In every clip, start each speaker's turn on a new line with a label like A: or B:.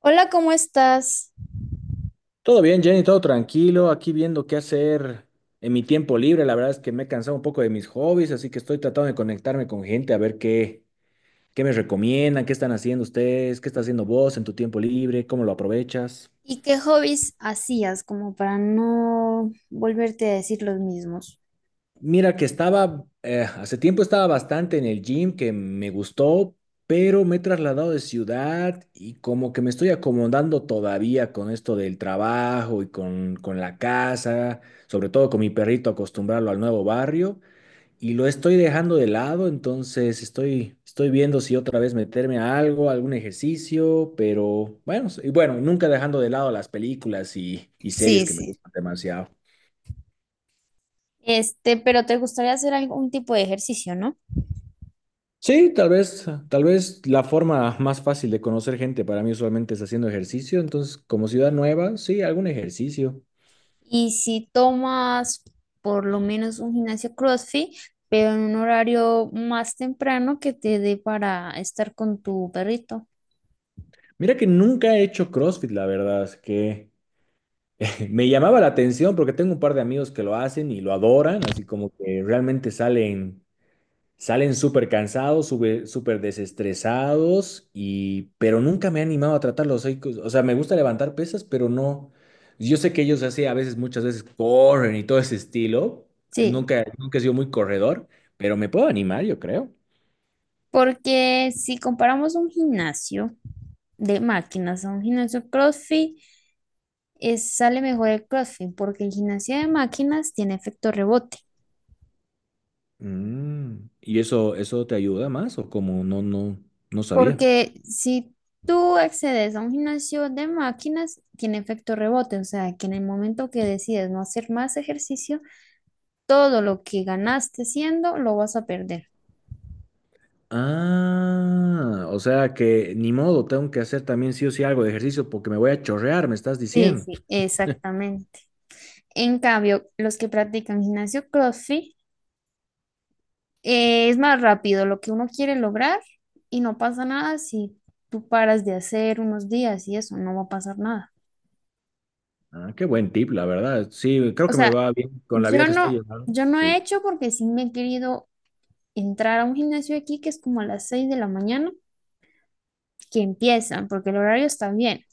A: Hola, ¿cómo estás?
B: Todo bien, Jenny, todo tranquilo, aquí viendo qué hacer en mi tiempo libre. La verdad es que me he cansado un poco de mis hobbies, así que estoy tratando de conectarme con gente a ver qué me recomiendan, qué están haciendo ustedes, qué está haciendo vos en tu tiempo libre, cómo lo aprovechas.
A: ¿Y qué hobbies hacías como para no volverte a decir los mismos?
B: Mira que estaba, hace tiempo estaba bastante en el gym, que me gustó, pero me he trasladado de ciudad y como que me estoy acomodando todavía con esto del trabajo y con la casa, sobre todo con mi perrito, acostumbrarlo al nuevo barrio, y lo estoy dejando de lado. Entonces estoy viendo si otra vez meterme a algo, algún ejercicio, pero bueno, bueno, nunca dejando de lado las películas y series
A: Sí,
B: que me
A: sí.
B: gustan demasiado.
A: Este, pero te gustaría hacer algún tipo de ejercicio, ¿no?
B: Sí, tal vez la forma más fácil de conocer gente para mí usualmente es haciendo ejercicio, entonces como ciudad nueva, sí, algún ejercicio.
A: Y si tomas por lo menos un gimnasio CrossFit, pero en un horario más temprano que te dé para estar con tu perrito.
B: Mira que nunca he hecho CrossFit, la verdad, es que me llamaba la atención porque tengo un par de amigos que lo hacen y lo adoran, así como que realmente Salen súper cansados, súper desestresados, pero nunca me he animado a tratarlos. O sea, me gusta levantar pesas, pero no. Yo sé que ellos así a veces, muchas veces corren y todo ese estilo.
A: Sí,
B: Nunca he sido muy corredor, pero me puedo animar, yo creo.
A: porque si comparamos un gimnasio de máquinas a un gimnasio CrossFit, es, sale mejor el CrossFit porque el gimnasio de máquinas tiene efecto rebote.
B: Mm, ¿y eso te ayuda más o como no sabía?
A: Porque si tú accedes a un gimnasio de máquinas, tiene efecto rebote. O sea, que en el momento que decides no hacer más ejercicio, todo lo que ganaste siendo lo vas a perder.
B: Ah, o sea que ni modo, tengo que hacer también sí o sí algo de ejercicio porque me voy a chorrear, me estás
A: Sí,
B: diciendo.
A: sí, exactamente. En cambio, los que practican gimnasio CrossFit, es más rápido lo que uno quiere lograr y no pasa nada si tú paras de hacer unos días y eso, no va a pasar nada.
B: Ah, qué buen tip, la verdad. Sí, creo
A: O
B: que me
A: sea,
B: va bien con la vía
A: yo
B: que estoy
A: no,
B: llevando.
A: yo no he
B: Sí.
A: hecho porque sí me he querido entrar a un gimnasio aquí que es como a las 6 de la mañana que empiezan, porque el horario está bien.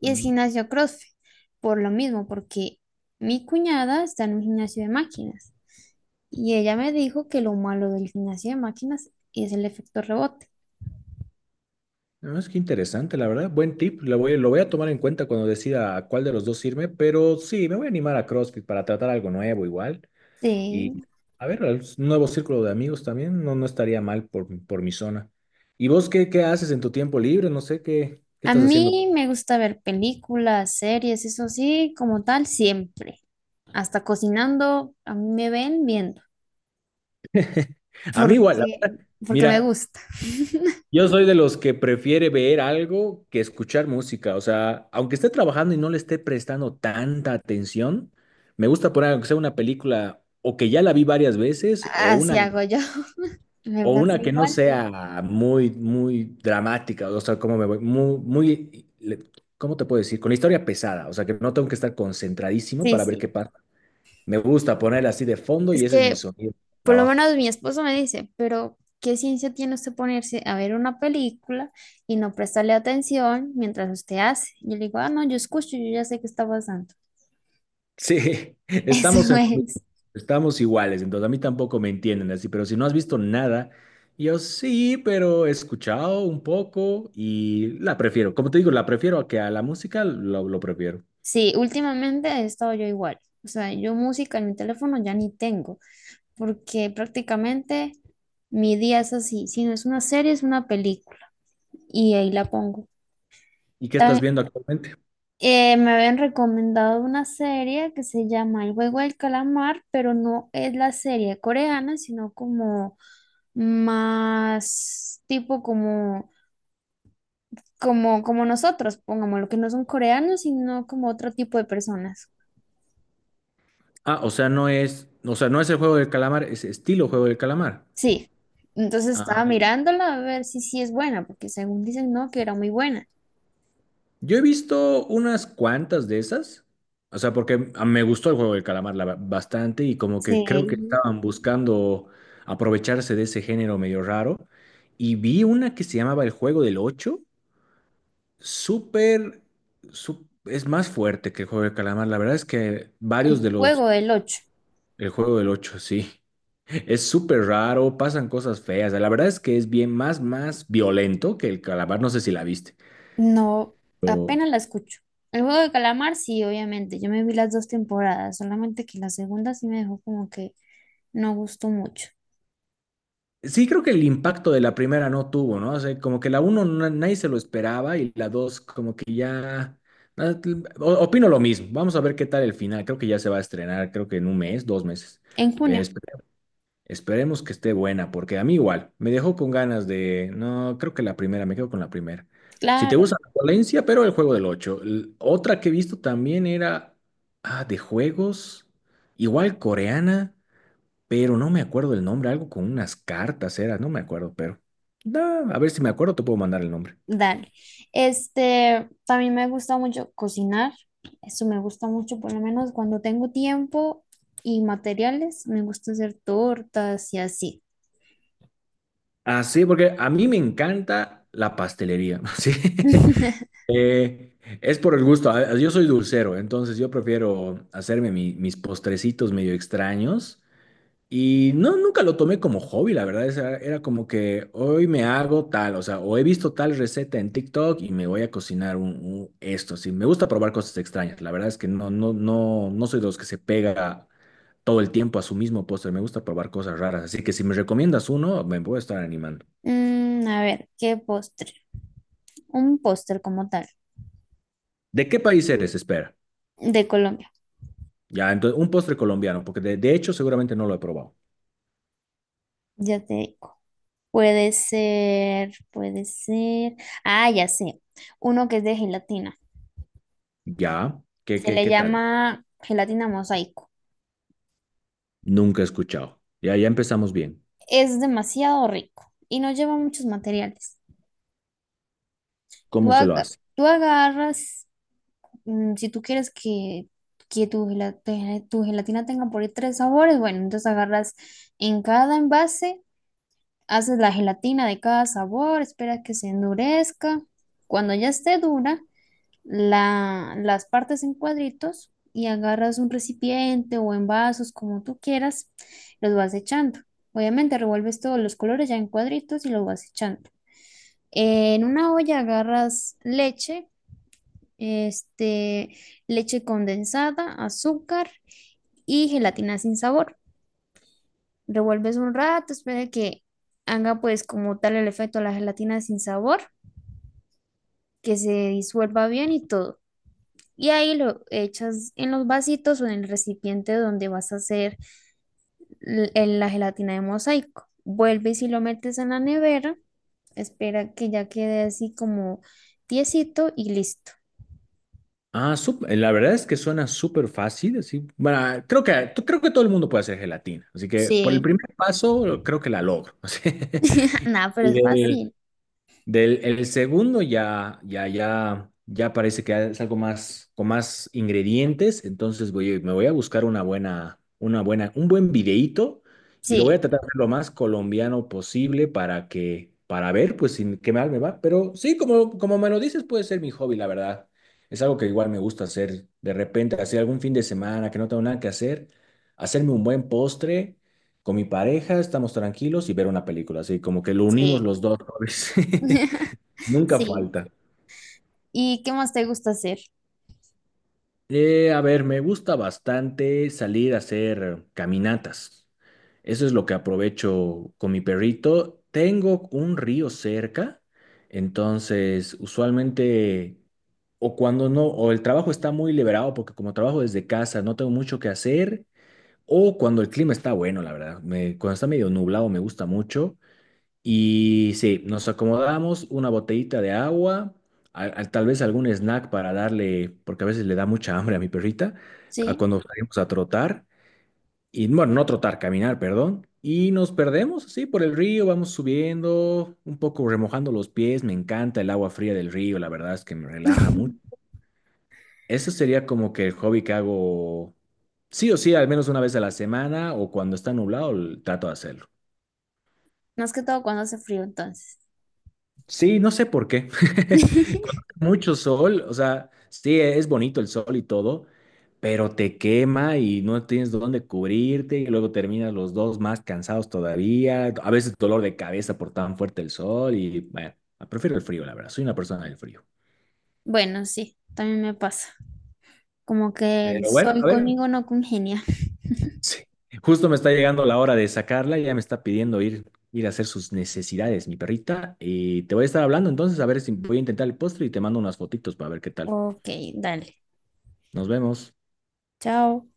A: Y es
B: Mm.
A: gimnasio CrossFit, por lo mismo, porque mi cuñada está en un gimnasio de máquinas y ella me dijo que lo malo del gimnasio de máquinas es el efecto rebote.
B: No, es que interesante, la verdad. Buen tip. Lo voy a tomar en cuenta cuando decida a cuál de los dos irme, pero sí, me voy a animar a CrossFit para tratar algo nuevo igual. Y
A: Sí.
B: a ver, un nuevo círculo de amigos también. No, no estaría mal por mi zona. ¿Y vos qué haces en tu tiempo libre? No sé qué
A: A
B: estás haciendo.
A: mí me gusta ver películas, series, eso sí, como tal, siempre. Hasta cocinando, a mí me ven bien
B: A mí igual,
A: porque, porque me
B: mira,
A: gusta.
B: yo soy de los que prefiere ver algo que escuchar música. O sea, aunque esté trabajando y no le esté prestando tanta atención, me gusta poner aunque sea una película o que ya la vi varias veces,
A: Así hago yo. Me
B: o
A: pasa
B: una que no
A: igual.
B: sea muy, muy dramática. O sea, como me voy, ¿cómo te puedo decir? Con la historia pesada. O sea, que no tengo que estar concentradísimo
A: Sí,
B: para ver
A: sí.
B: qué pasa. Me gusta poner así de fondo
A: Es
B: y ese es mi
A: que
B: sonido. De
A: por lo
B: Trabajo.
A: menos mi esposo me dice, pero ¿qué ciencia tiene usted ponerse a ver una película y no prestarle atención mientras usted hace? Yo le digo, ah, no, yo escucho, yo ya sé qué está pasando.
B: Sí,
A: Eso
B: estamos en lo mismo,
A: es.
B: estamos iguales, entonces a mí tampoco me entienden así, pero si no has visto nada, yo sí, pero he escuchado un poco y la prefiero, como te digo, la prefiero a que a la música lo prefiero.
A: Sí, últimamente he estado yo igual. O sea, yo música en mi teléfono ya ni tengo, porque prácticamente mi día es así. Si no es una serie, es una película. Y ahí la pongo.
B: ¿Y qué estás
A: Tan
B: viendo actualmente?
A: Me habían recomendado una serie que se llama El juego del calamar, pero no es la serie coreana, sino como más tipo como nosotros, pongámoslo, que no son coreanos, sino como otro tipo de personas.
B: Ah, o sea, no es el juego del calamar, es estilo juego del calamar.
A: Sí, entonces
B: Ah,
A: estaba mirándola a ver si sí es buena, porque según dicen, no, que era muy buena.
B: yo he visto unas cuantas de esas, o sea, porque me gustó el juego del calamar bastante, y como que creo que
A: Sí,
B: estaban buscando aprovecharse de ese género medio raro. Y vi una que se llamaba El Juego del Ocho, súper, es más fuerte que el juego del calamar, la verdad es que varios
A: el juego del ocho.
B: el Juego del Ocho, sí, es súper raro, pasan cosas feas, la verdad es que es bien más violento que el calamar, no sé si la viste.
A: No, apenas la escucho. El juego de calamar, sí, obviamente. Yo me vi las dos temporadas, solamente que la segunda sí me dejó como que no gustó mucho.
B: Sí, creo que el impacto de la primera no tuvo, ¿no? O sea, como que la uno nadie se lo esperaba y la dos como que ya... na- Opino lo mismo. Vamos a ver qué tal el final. Creo que ya se va a estrenar, creo que en un mes, dos meses.
A: En
B: Pero
A: junio,
B: esperemos que esté buena, porque a mí igual, me dejó con ganas de... No, creo que la primera, me quedo con la primera. Si te
A: claro,
B: gusta la violencia, pero el juego del 8. Otra que he visto también era... Ah, de juegos, igual coreana, pero no me acuerdo el nombre, algo con unas cartas era, no me acuerdo, pero da, a ver si me acuerdo, te puedo mandar el nombre.
A: dale. Este, también me gusta mucho cocinar. Eso me gusta mucho, por lo menos cuando tengo tiempo y materiales, me gusta hacer tortas y así.
B: Ah, sí, porque a mí me encanta la pastelería, sí. Eh, es por el gusto, yo soy dulcero, entonces yo prefiero hacerme mis postrecitos medio extraños. Y no, nunca lo tomé como hobby, la verdad. O sea, era como que hoy me hago tal, o sea, o he visto tal receta en TikTok y me voy a cocinar un esto. Sí, me gusta probar cosas extrañas. La verdad es que no soy de los que se pega todo el tiempo a su mismo postre. Me gusta probar cosas raras. Así que si me recomiendas uno, me voy a estar animando.
A: Mm, a ver, ¿qué postre? Un postre como tal,
B: ¿De qué país eres? Espera.
A: de Colombia.
B: Ya, entonces, un postre colombiano, porque de hecho seguramente no lo he probado.
A: Ya te digo. Puede ser, puede ser. Ah, ya sé. Uno que es de gelatina.
B: Ya, ¿qué,
A: Se
B: qué,
A: le
B: qué tal?
A: llama gelatina mosaico.
B: Nunca he escuchado. Ya, ya empezamos bien.
A: Es demasiado rico y no lleva muchos materiales. Tú,
B: ¿Cómo se lo
A: aga-
B: hace?
A: tú agarras, mm, si tú quieres que tu gelatina tenga por ahí 3 sabores, bueno, entonces agarras en cada envase, haces la gelatina de cada sabor, esperas que se endurezca. Cuando ya esté dura, las partes en cuadritos y agarras un recipiente o en vasos, como tú quieras, los vas echando. Obviamente revuelves todos los colores ya en cuadritos y los vas echando. En una olla agarras leche, este, leche condensada, azúcar y gelatina sin sabor. Revuelves un rato, espera que haga pues como tal el efecto de la gelatina sin sabor, que se disuelva bien y todo. Y ahí lo echas en los vasitos o en el recipiente donde vas a hacer la gelatina de mosaico. Vuelves y si lo metes en la nevera, espera que ya quede así como tiesito y listo.
B: Ah, la verdad es que suena súper fácil, así. Bueno, creo que creo que todo el mundo puede hacer gelatina, así que por el primer
A: Sí,
B: paso creo que la logro. así.
A: nada, pero
B: Y
A: es
B: del,
A: fácil.
B: del el segundo ya, ya parece que es algo más, con más ingredientes, entonces me voy a buscar una buena, un buen videíto y lo voy
A: Sí,
B: a tratar de hacer lo más colombiano posible para que, para ver, pues, sin qué mal me va. Pero sí, como me lo dices, puede ser mi hobby, la verdad. Es algo que igual me gusta hacer de repente, hacer algún fin de semana que no tengo nada que hacer, hacerme un buen postre con mi pareja, estamos tranquilos y ver una película, así como que lo unimos
A: sí,
B: los dos hobbies. Nunca
A: sí.
B: falta.
A: ¿Y qué más te gusta hacer?
B: A ver, me gusta bastante salir a hacer caminatas. Eso es lo que aprovecho con mi perrito. Tengo un río cerca, entonces usualmente o cuando no, o el trabajo está muy liberado porque como trabajo desde casa no tengo mucho que hacer, o cuando el clima está bueno, la verdad. Cuando está medio nublado me gusta mucho. Y sí, nos acomodamos una botellita de agua, tal vez algún snack para darle, porque a veces le da mucha hambre a mi perrita, a
A: Sí.
B: cuando salimos a trotar, y bueno, no trotar, caminar, perdón, y nos perdemos así por el río, vamos subiendo, un poco remojando los pies, me encanta el agua fría del río, la verdad es que me relaja mucho. Eso sería como que el hobby que hago, sí o sí, al menos una vez a la semana o cuando está nublado, trato de hacerlo.
A: Más que todo cuando hace frío, entonces.
B: Sí, no sé por qué. Cuando hace mucho sol, o sea, sí, es bonito el sol y todo, pero te quema y no tienes dónde cubrirte y luego terminas los dos más cansados todavía. A veces dolor de cabeza por tan fuerte el sol, y bueno, prefiero el frío, la verdad. Soy una persona del frío.
A: Bueno, sí, también me pasa. Como que el
B: Pero bueno, a
A: sol
B: ver,
A: conmigo no congenia.
B: sí. Justo me está llegando la hora de sacarla, ya me está pidiendo ir a hacer sus necesidades, mi perrita, y te voy a estar hablando entonces a ver si voy a intentar el postre y te mando unas fotitos para ver qué tal.
A: Ok, dale.
B: Nos vemos.
A: Chao.